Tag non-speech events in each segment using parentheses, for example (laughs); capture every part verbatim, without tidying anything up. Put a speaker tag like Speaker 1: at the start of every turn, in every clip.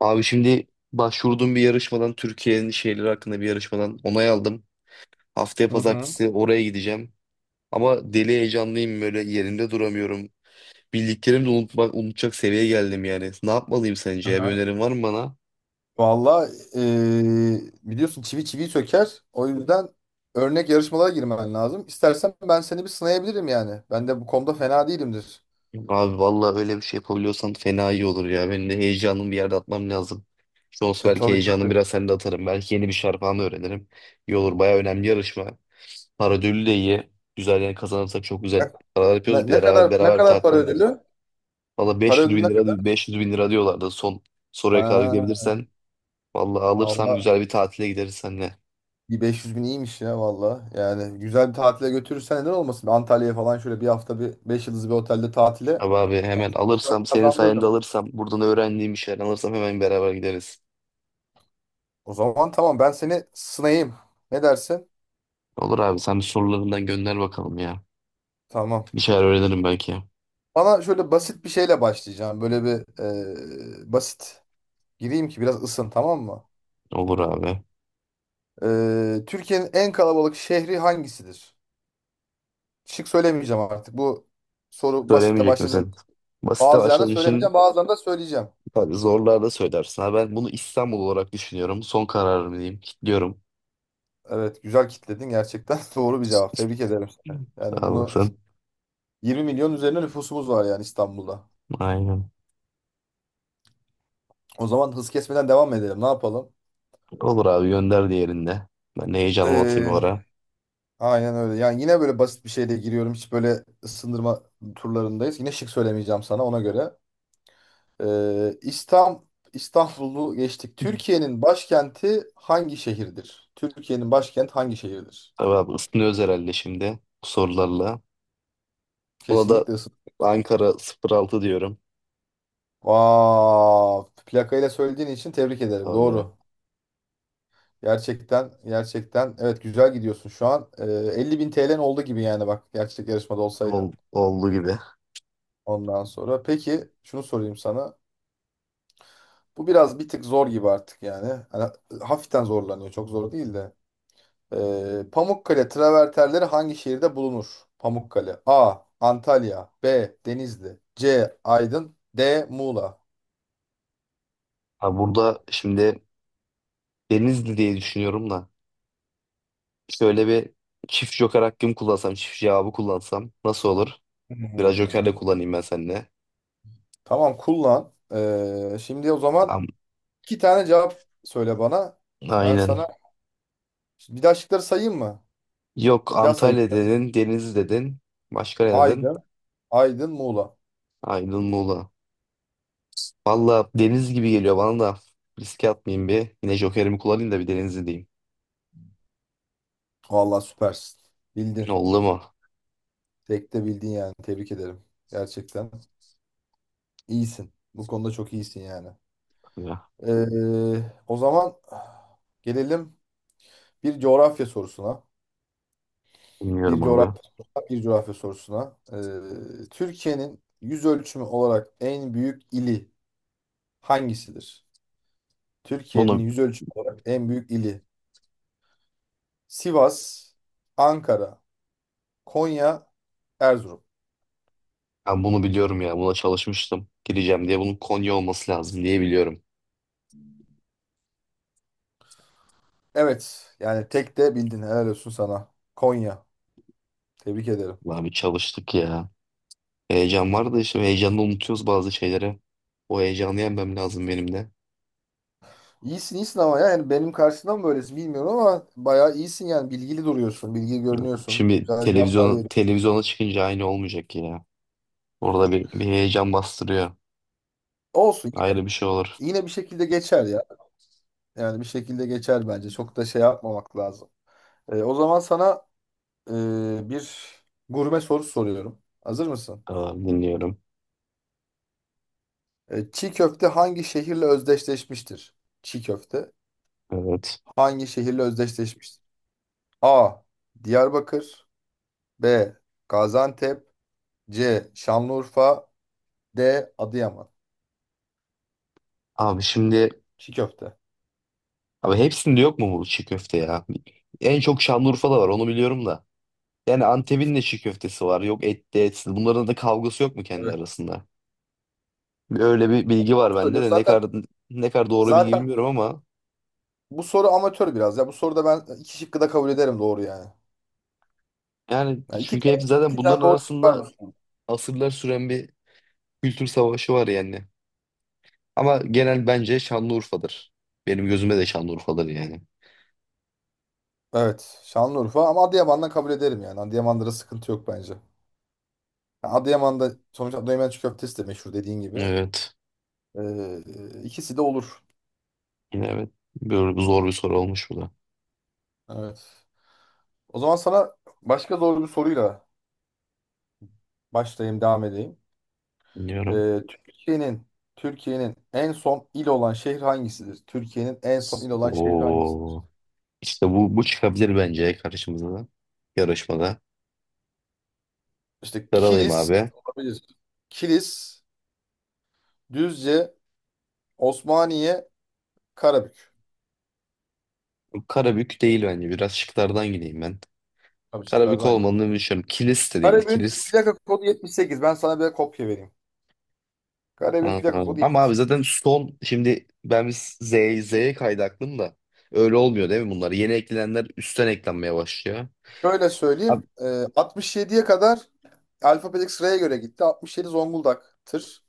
Speaker 1: Abi şimdi başvurduğum bir yarışmadan Türkiye'nin şeyleri hakkında bir yarışmadan onay aldım. Haftaya
Speaker 2: Hı hı.
Speaker 1: pazartesi oraya gideceğim. Ama deli heyecanlıyım böyle yerimde duramıyorum. Bildiklerimi de unutmak, unutacak seviyeye geldim yani. Ne yapmalıyım sence ya? Bir
Speaker 2: Aha.
Speaker 1: önerin var mı bana?
Speaker 2: Valla biliyorsun çivi çiviyi söker. O yüzden örnek yarışmalara girmen lazım. İstersen ben seni bir sınayabilirim yani. Ben de bu konuda fena değilimdir.
Speaker 1: Abi vallahi öyle bir şey yapabiliyorsan fena iyi olur ya. Benim de heyecanımı bir yerde atmam lazım. İşte olsa
Speaker 2: E,
Speaker 1: belki
Speaker 2: tabii
Speaker 1: heyecanımı
Speaker 2: tabii.
Speaker 1: biraz sende atarım. Belki yeni bir şarpan öğrenirim. İyi olur. Bayağı önemli yarışma. Para ödülü de iyi. Güzel yani kazanırsak çok güzel
Speaker 2: Ne,
Speaker 1: paralar yapıyoruz.
Speaker 2: ne-
Speaker 1: Bir
Speaker 2: ne
Speaker 1: beraber,
Speaker 2: kadar ne
Speaker 1: beraber bir
Speaker 2: kadar para
Speaker 1: tatile gideriz.
Speaker 2: ödülü?
Speaker 1: Valla
Speaker 2: Para
Speaker 1: beş yüz
Speaker 2: ödülü ne
Speaker 1: bin
Speaker 2: kadar?
Speaker 1: lira, beş yüz bin lira diyorlardı. Son soruya kadar
Speaker 2: Ha,
Speaker 1: gidebilirsen. Valla alırsam
Speaker 2: Allah
Speaker 1: güzel bir tatile gideriz seninle.
Speaker 2: bir beş yüz bin iyiymiş ya valla. Yani güzel bir tatile götürürsen neden olmasın? Antalya'ya falan şöyle bir hafta bir beş yıldızlı bir otelde tatile
Speaker 1: Abi abi hemen alırsam, senin sayende
Speaker 2: kazandırırım.
Speaker 1: alırsam, buradan öğrendiğim bir şeyler alırsam hemen beraber gideriz.
Speaker 2: O zaman tamam ben seni sınayayım. Ne dersin?
Speaker 1: Olur abi sen bir sorularından gönder bakalım ya.
Speaker 2: Tamam.
Speaker 1: Bir şeyler öğrenirim belki.
Speaker 2: Bana şöyle basit bir şeyle başlayacağım. Böyle bir e, basit gireyim ki biraz ısın tamam mı?
Speaker 1: Olur abi.
Speaker 2: E, Türkiye'nin en kalabalık şehri hangisidir? Şık söylemeyeceğim artık. Bu soru basitle
Speaker 1: Söylemeyecek
Speaker 2: başladığım
Speaker 1: misin?
Speaker 2: için.
Speaker 1: Basite
Speaker 2: Bazılarını
Speaker 1: başladığın için
Speaker 2: söylemeyeceğim, bazılarını da söyleyeceğim.
Speaker 1: tabii zorlarda söylersin. Ha, ben bunu İstanbul olarak düşünüyorum. Son kararım diyeyim. Kilitliyorum.
Speaker 2: Evet, güzel kitledin gerçekten. (laughs) Doğru bir cevap. Tebrik ederim seni. Yani
Speaker 1: Sağ
Speaker 2: bunu
Speaker 1: olasın.
Speaker 2: yirmi milyon üzerine nüfusumuz var yani İstanbul'da.
Speaker 1: Aynen.
Speaker 2: O zaman hız kesmeden devam edelim. Ne yapalım?
Speaker 1: Olur abi gönder diğerinde. Ben de heyecanımı atayım o
Speaker 2: E,
Speaker 1: ara.
Speaker 2: Aynen öyle. Yani yine böyle basit bir şeyle giriyorum. Hiç böyle ısındırma turlarındayız. Yine şık söylemeyeceğim sana ona göre. Ee, İstanbul, İstanbul'u geçtik. Türkiye'nin başkenti hangi şehirdir? Türkiye'nin başkenti hangi şehirdir?
Speaker 1: Tabii abi ısınıyoruz herhalde şimdi bu sorularla. Buna da
Speaker 2: Kesinlikle ısın.
Speaker 1: Ankara sıfır altı diyorum.
Speaker 2: Vav. Plakayla söylediğin için tebrik ederim.
Speaker 1: Tabii ya.
Speaker 2: Doğru. Gerçekten, gerçekten. Evet güzel gidiyorsun şu an. Ee, elli bin T L'n oldu gibi yani bak. Gerçek yarışmada olsaydın.
Speaker 1: Ol, oldu gibi.
Speaker 2: Ondan sonra. Peki şunu sorayım sana. Bu biraz bir tık zor gibi artık yani. Hani hafiften zorlanıyor. Çok zor değil de. Ee, Pamukkale travertenleri hangi şehirde bulunur? Pamukkale. A. Antalya. B. Denizli. C. Aydın. D. Muğla.
Speaker 1: Ha burada şimdi Denizli diye düşünüyorum da şöyle bir çift joker hakkım kullansam, çift cevabı kullansam nasıl olur? Biraz joker de
Speaker 2: Hmm.
Speaker 1: kullanayım ben seninle.
Speaker 2: Tamam kullan. Ee, şimdi o zaman
Speaker 1: Am-
Speaker 2: iki tane cevap söyle bana. Ben
Speaker 1: Aynen.
Speaker 2: sana bir daha şıkları sayayım mı?
Speaker 1: Yok
Speaker 2: Bir daha sayayım.
Speaker 1: Antalya dedin, Denizli dedin. Başka ne dedin?
Speaker 2: Aydın. Aydın. Muğla.
Speaker 1: Aydın Muğla. Valla deniz gibi geliyor bana da. Riske atmayayım bir. Yine jokerimi kullanayım da bir Denizli diyeyim.
Speaker 2: Vallahi süpersin. Bildin.
Speaker 1: Oldu mu?
Speaker 2: Tek de bildin yani. Tebrik ederim. Gerçekten. İyisin. Bu konuda çok iyisin yani. Ee, o zaman gelelim bir coğrafya sorusuna.
Speaker 1: Bilmiyorum
Speaker 2: Bir
Speaker 1: abi.
Speaker 2: coğrafya sorusuna, bir coğrafya sorusuna. Ee, Türkiye'nin yüz ölçümü olarak en büyük ili hangisidir? Türkiye'nin
Speaker 1: Bunu
Speaker 2: yüz ölçümü olarak en büyük ili. Sivas, Ankara, Konya, Erzurum.
Speaker 1: ben bunu biliyorum ya. Buna çalışmıştım. Gireceğim diye bunun Konya olması lazım diye biliyorum.
Speaker 2: Evet. Yani tek de bildin. Helal olsun sana. Konya. Tebrik ederim.
Speaker 1: Abi çalıştık ya. Heyecan vardı işte. Heyecanla unutuyoruz bazı şeyleri. O heyecanı yenmem lazım benim de.
Speaker 2: İyisin iyisin ama ya. Yani benim karşımda mı böylesin bilmiyorum ama bayağı iyisin yani. Bilgili duruyorsun. Bilgili görünüyorsun.
Speaker 1: Şimdi
Speaker 2: Güzel cevaplar
Speaker 1: televizyona,
Speaker 2: veriyorsun.
Speaker 1: televizyona çıkınca aynı olmayacak ya. Orada bir, bir heyecan bastırıyor.
Speaker 2: Olsun.
Speaker 1: Ayrı bir şey olur.
Speaker 2: Yine bir şekilde geçer ya. Yani bir şekilde geçer bence. Çok da şey yapmamak lazım. E, o zaman sana e, bir gurme soru soruyorum. Hazır mısın?
Speaker 1: Tamam, dinliyorum.
Speaker 2: E, çiğ köfte hangi şehirle özdeşleşmiştir? Çiğ köfte
Speaker 1: Evet.
Speaker 2: hangi şehirle özdeşleşmiştir? A. Diyarbakır. B. Gaziantep. C. Şanlıurfa. D. Adıyaman.
Speaker 1: Abi şimdi
Speaker 2: Çiğ köfte.
Speaker 1: abi hepsinde yok mu bu çiğ köfte ya? En çok Şanlıurfa'da var onu biliyorum da. Yani Antep'in de çiğ köftesi var. Yok etli etsiz. Bunların da kavgası yok mu kendi
Speaker 2: Evet.
Speaker 1: arasında? Öyle bir bilgi
Speaker 2: Doğru
Speaker 1: var bende
Speaker 2: söylüyorsun.
Speaker 1: de ne
Speaker 2: Zaten
Speaker 1: kadar ne kadar doğru bilgi
Speaker 2: zaten
Speaker 1: bilmiyorum ama
Speaker 2: bu soru amatör biraz. Ya bu soruda ben iki şıkkı da kabul ederim doğru yani.
Speaker 1: yani
Speaker 2: Yani iki,
Speaker 1: çünkü hep
Speaker 2: tane-
Speaker 1: zaten
Speaker 2: iki tane
Speaker 1: bunların
Speaker 2: doğru şık var
Speaker 1: arasında
Speaker 2: bu soruda.
Speaker 1: asırlar süren bir kültür savaşı var yani. Ama genel bence Şanlıurfa'dır. Benim gözüme de Şanlıurfa'dır yani.
Speaker 2: Evet. Şanlıurfa ama Adıyaman'dan kabul ederim yani. Adıyaman'da da sıkıntı yok bence. Yani Adıyaman'da sonuçta Adıyaman çiğ köftesi de meşhur dediğin gibi.
Speaker 1: Evet.
Speaker 2: Ee, ikisi de olur.
Speaker 1: Yine evet. Böyle bir zor bir soru olmuş bu da.
Speaker 2: Evet. O zaman sana başka zor bir soruyla başlayayım, devam edeyim.
Speaker 1: Bilmiyorum.
Speaker 2: Ee, Türkiye'nin Türkiye'nin en son il olan şehir hangisidir? Türkiye'nin en son il olan şehir hangisidir?
Speaker 1: Oo. İşte bu bu çıkabilir bence karşımıza da. Yarışmada.
Speaker 2: İşte
Speaker 1: Sarılayım
Speaker 2: Kilis
Speaker 1: abi.
Speaker 2: olabilir. Kilis, Düzce, Osmaniye, Karabük.
Speaker 1: Karabük değil bence. Biraz şıklardan gideyim ben.
Speaker 2: Tabii şıklardan
Speaker 1: Karabük
Speaker 2: hangi?
Speaker 1: olmadığını düşünüyorum. Kilis de değil.
Speaker 2: Karabük'ün
Speaker 1: Kilis.
Speaker 2: plaka kodu yetmiş sekiz. Ben sana bir kopya vereyim. Karabük'ün
Speaker 1: Aa,
Speaker 2: plaka kodu
Speaker 1: ama abi zaten
Speaker 2: yetmiş sekiz.
Speaker 1: son şimdi ben bir Z, Z'ye kaydı aklım da. Öyle olmuyor değil mi bunlar? Yeni eklenenler üstten eklenmeye başlıyor.
Speaker 2: Şöyle
Speaker 1: Abi
Speaker 2: söyleyeyim. e, altmış yediye kadar alfabetik sıraya göre gitti. altmış yedi Zonguldak'tır.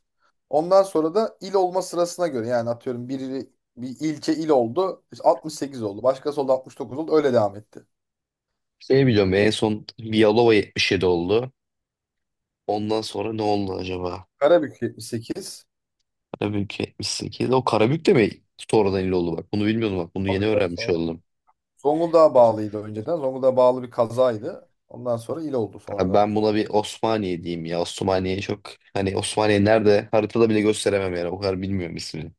Speaker 2: Ondan sonra da il olma sırasına göre. Yani atıyorum biri bir ilçe il oldu. İşte altmış sekiz oldu. Başkası oldu altmış dokuz oldu. Öyle devam etti.
Speaker 1: şey biliyorum en son Vialova yetmiş yedi oldu. Ondan sonra ne oldu acaba?
Speaker 2: Karabük yetmiş sekiz.
Speaker 1: Karabük yetmiş sekiz. O Karabük de mi sonradan il oldu bak? Bunu bilmiyordum bak. Bunu
Speaker 2: Tabii
Speaker 1: yeni
Speaker 2: tabii
Speaker 1: öğrenmiş
Speaker 2: sonra.
Speaker 1: oldum.
Speaker 2: Zonguldak'a bağlıydı önceden. Zonguldak'a bağlı bir kazaydı. Ondan sonra il oldu
Speaker 1: Abi
Speaker 2: sonradan.
Speaker 1: ben buna bir Osmaniye diyeyim ya. Osmaniye çok hani Osmaniye nerede haritada bile gösteremem yani o kadar bilmiyorum ismini.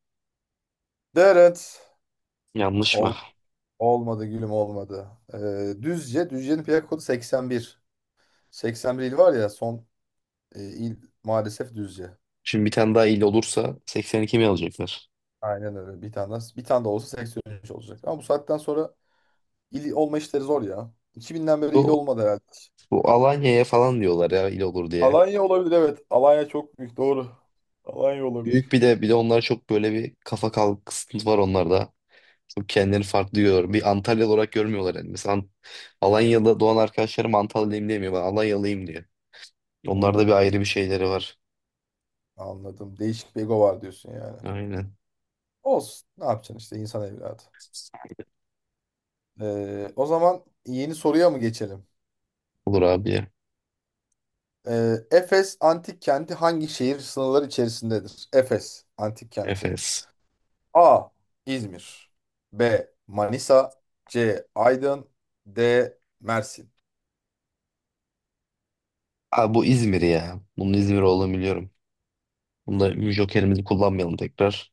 Speaker 2: Deret.
Speaker 1: Yanlış mı?
Speaker 2: Ol, Olmadı gülüm olmadı. Ee, Düzce. Düzce'nin plaka kodu seksen bir. seksen bir il var ya son e, il maalesef Düzce.
Speaker 1: Şimdi bir tane daha il olursa seksen iki mi alacaklar?
Speaker 2: Aynen öyle. Bir tane daha, bir tane de olsa seksen üç olacak. Ama bu saatten sonra il olma işleri zor ya. iki binden beri il
Speaker 1: Bu,
Speaker 2: olmadı herhalde.
Speaker 1: bu Alanya'ya falan diyorlar ya il olur diye.
Speaker 2: Alanya olabilir evet. Alanya çok büyük doğru. Alanya olabilir.
Speaker 1: Büyük bir de bir de onlar çok böyle bir kafa kalkıntı var onlarda. Çok kendilerini farklı görüyorlar. Bir Antalyalı olarak görmüyorlar yani. Mesela Ant- Alanya'da doğan arkadaşlarım Antalyalıyım demiyor. Ben Alanyalıyım diyor. Onlarda bir
Speaker 2: Hmm,
Speaker 1: ayrı bir şeyleri var.
Speaker 2: anladım. Değişik bir ego var diyorsun yani.
Speaker 1: Aynen.
Speaker 2: Olsun. Ne yapacaksın işte insan evladı. Ee, o zaman yeni soruya mı geçelim?
Speaker 1: Olur abi ya.
Speaker 2: Ee, Efes antik kenti hangi şehir sınırları içerisindedir? Efes antik kenti.
Speaker 1: Efes.
Speaker 2: A. İzmir. B. Manisa. C. Aydın. D. Mersin.
Speaker 1: Abi bu İzmir ya. Bunun İzmir olduğunu biliyorum. Bunda Joker'imizi kullanmayalım tekrar.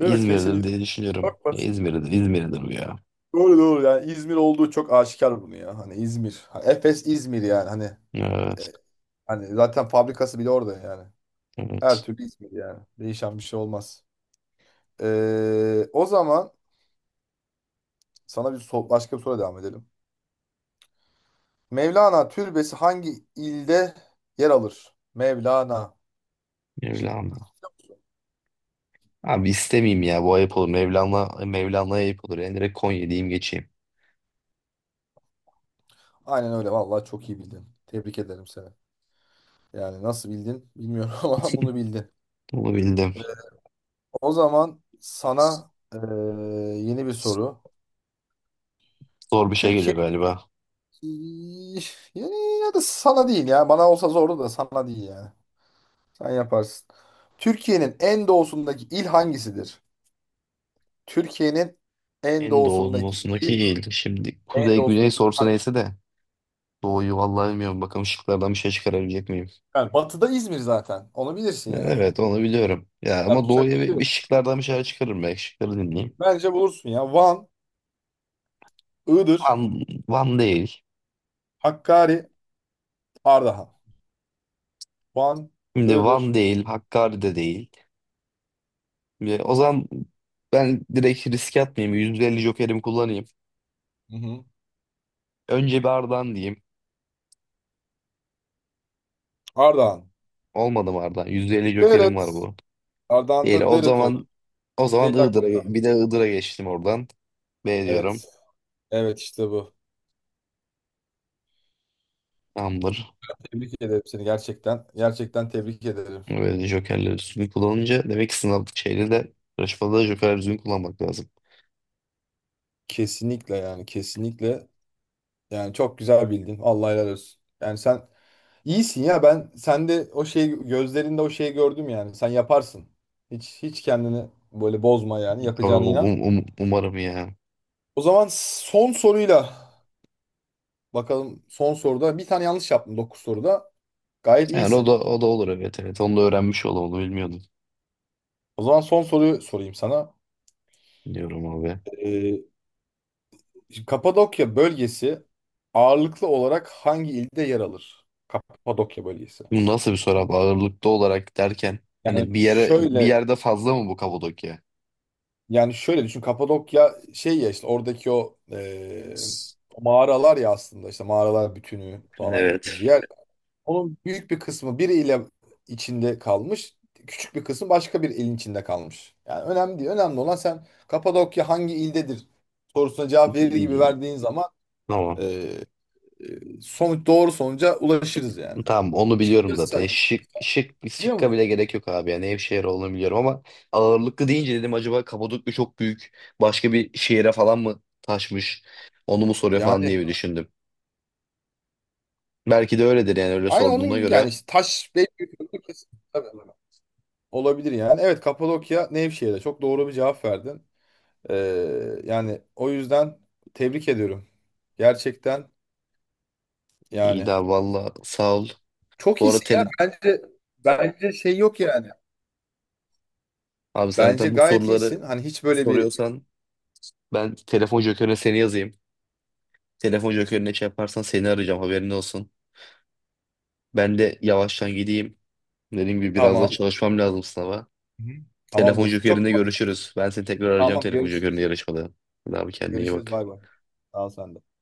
Speaker 2: Değil mi? Kesin İzmir.
Speaker 1: diye düşünüyorum.
Speaker 2: Çok
Speaker 1: Ya
Speaker 2: basit.
Speaker 1: İzmir'dir, İzmir'dir bu ya.
Speaker 2: Doğru doğru yani İzmir olduğu çok aşikar bunu ya. Hani İzmir. Ha, Efes İzmir yani hani e,
Speaker 1: Evet,
Speaker 2: hani zaten fabrikası bile orada yani. Her
Speaker 1: evet.
Speaker 2: türlü İzmir yani. Değişen bir şey olmaz. Ee, o zaman sana bir so- başka bir soru devam edelim. Mevlana türbesi hangi ilde yer alır? Mevlana. Şık.
Speaker 1: Mevlana. Abi istemeyeyim ya. Bu ayıp olur. Mevlana, Mevlana'ya ayıp olur. Yani direkt Konya diyeyim geçeyim.
Speaker 2: Aynen öyle. Vallahi çok iyi bildin. Tebrik ederim seni. Yani nasıl bildin bilmiyorum (laughs) ama bunu bildin.
Speaker 1: Bunu bildim.
Speaker 2: O zaman sana eee, yeni bir soru.
Speaker 1: Zor bir şey
Speaker 2: Türkiye
Speaker 1: geliyor galiba.
Speaker 2: yani ya da sana değil ya. Bana olsa zordu da sana değil ya. Sen yaparsın. Türkiye'nin en doğusundaki il hangisidir? Türkiye'nin en
Speaker 1: En
Speaker 2: doğusundaki
Speaker 1: doğusundaki
Speaker 2: il,
Speaker 1: il. Şimdi
Speaker 2: en
Speaker 1: kuzey güney
Speaker 2: doğusundaki
Speaker 1: sorsa
Speaker 2: il.
Speaker 1: neyse de. Doğuyu vallahi bilmiyorum. Bakalım şıklardan bir şey çıkarabilecek miyim?
Speaker 2: Yani batıda İzmir zaten. Onu bilirsin
Speaker 1: Ya
Speaker 2: yani.
Speaker 1: evet onu biliyorum. Ya ama
Speaker 2: Yapacak bir
Speaker 1: doğuya
Speaker 2: şey
Speaker 1: bir, bir
Speaker 2: yok.
Speaker 1: şıklardan bir şeyler çıkarırım belki. Şıkları dinleyeyim.
Speaker 2: Bence bulursun ya. Van, Iğdır,
Speaker 1: Van, Van değil.
Speaker 2: Hakkari, Ardahan. Van,
Speaker 1: Şimdi
Speaker 2: Iğdır,
Speaker 1: Van değil, Hakkari de değil. Şimdi o zaman ben direkt riske atmayayım. yüz elli jokerimi kullanayım.
Speaker 2: hı hı.
Speaker 1: Önce bir Ardahan diyeyim.
Speaker 2: Ardahan.
Speaker 1: Olmadı mı Ardahan? yüz elli jokerim var
Speaker 2: Deret.
Speaker 1: bu. Değil.
Speaker 2: Ardahan'da
Speaker 1: O
Speaker 2: Deret olur.
Speaker 1: zaman o zaman
Speaker 2: elli hakkım
Speaker 1: Iğdır'a
Speaker 2: var.
Speaker 1: bir de Iğdır'a geçtim oradan. B diyorum.
Speaker 2: Evet. Evet işte bu.
Speaker 1: Tamamdır.
Speaker 2: Tebrik ederim seni gerçekten. Gerçekten tebrik ederim.
Speaker 1: Böyle jokerleri düzgün kullanınca demek ki sınav şeyde de yarışmada da jokerleri düzgün kullanmak lazım.
Speaker 2: Kesinlikle yani kesinlikle. Yani çok güzel bildin. Allah helal olsun. Yani sen iyisin ya. Ben sende o şeyi gözlerinde o şeyi gördüm yani. Sen yaparsın. Hiç hiç kendini böyle bozma yani. Yapacağına
Speaker 1: Um-
Speaker 2: inan.
Speaker 1: um- um- umarım ya.
Speaker 2: O zaman son soruyla bakalım son soruda bir tane yanlış yaptım dokuz soruda. Gayet
Speaker 1: Yani o da
Speaker 2: iyisin.
Speaker 1: o da olur evet evet. Onu da öğrenmiş olalım. Onu bilmiyordum.
Speaker 2: O zaman son soruyu sorayım sana.
Speaker 1: Diyorum abi.
Speaker 2: Ee, şimdi Kapadokya bölgesi ağırlıklı olarak hangi ilde yer alır? Kapadokya bölgesi.
Speaker 1: Bu nasıl bir soru abi? Ağırlıklı olarak derken hani
Speaker 2: Yani
Speaker 1: bir yere bir
Speaker 2: şöyle
Speaker 1: yerde fazla mı bu Kapadokya?
Speaker 2: Yani şöyle düşün Kapadokya şey ya işte oradaki o eee, mağaralar ya aslında işte mağaralar bütünü falan gibi
Speaker 1: Evet.
Speaker 2: bir yer. Onun büyük bir kısmı bir ile içinde kalmış. Küçük bir kısmı başka bir ilin içinde kalmış. Yani önemli değil. Önemli olan sen Kapadokya hangi ildedir sorusuna cevap verir gibi
Speaker 1: (laughs)
Speaker 2: verdiğin zaman
Speaker 1: Tamam.
Speaker 2: eee eee, sonuç doğru sonuca ulaşırız yani.
Speaker 1: Tamam onu biliyorum
Speaker 2: Şıkları
Speaker 1: zaten. E,
Speaker 2: sayın.
Speaker 1: Şık şık
Speaker 2: Biliyor
Speaker 1: şıkka bile
Speaker 2: musun?
Speaker 1: gerek yok abi. Yani Nevşehir olduğunu biliyorum ama ağırlıklı deyince dedim acaba Kapadokya çok büyük başka bir şehire falan mı taşmış? Onu mu soruyor falan diye
Speaker 2: Yani
Speaker 1: bir düşündüm. Belki de öyledir yani öyle
Speaker 2: aynı
Speaker 1: sorduğuna
Speaker 2: onun yani
Speaker 1: göre.
Speaker 2: işte taş belki tabii. Olabilir yani. Evet Kapadokya Nevşehir'de çok doğru bir cevap verdin. Ee, yani o yüzden tebrik ediyorum. Gerçekten
Speaker 1: İyi de
Speaker 2: yani
Speaker 1: abi, valla sağ ol.
Speaker 2: çok
Speaker 1: Bu arada
Speaker 2: iyisin ya.
Speaker 1: tele...
Speaker 2: Bence bence şey yok yani.
Speaker 1: abi sen
Speaker 2: Bence
Speaker 1: zaten bu
Speaker 2: gayet iyisin.
Speaker 1: soruları
Speaker 2: Hani hiç böyle bir
Speaker 1: soruyorsan ben telefon jokerine seni yazayım. Telefon jokerine şey yaparsan seni arayacağım haberin olsun. Ben de yavaştan gideyim. Dediğim gibi biraz daha
Speaker 2: tamam.
Speaker 1: çalışmam lazım sınava.
Speaker 2: Hı hı. Tamam
Speaker 1: Telefon
Speaker 2: dostum. Çok
Speaker 1: jokerinde görüşürüz. Ben seni tekrar arayacağım
Speaker 2: tamam
Speaker 1: telefon jokerinde
Speaker 2: görüşürüz.
Speaker 1: yarışmada. Hadi abi kendine iyi
Speaker 2: Görüşürüz
Speaker 1: bak.
Speaker 2: bay bay. Sağ ol sen de.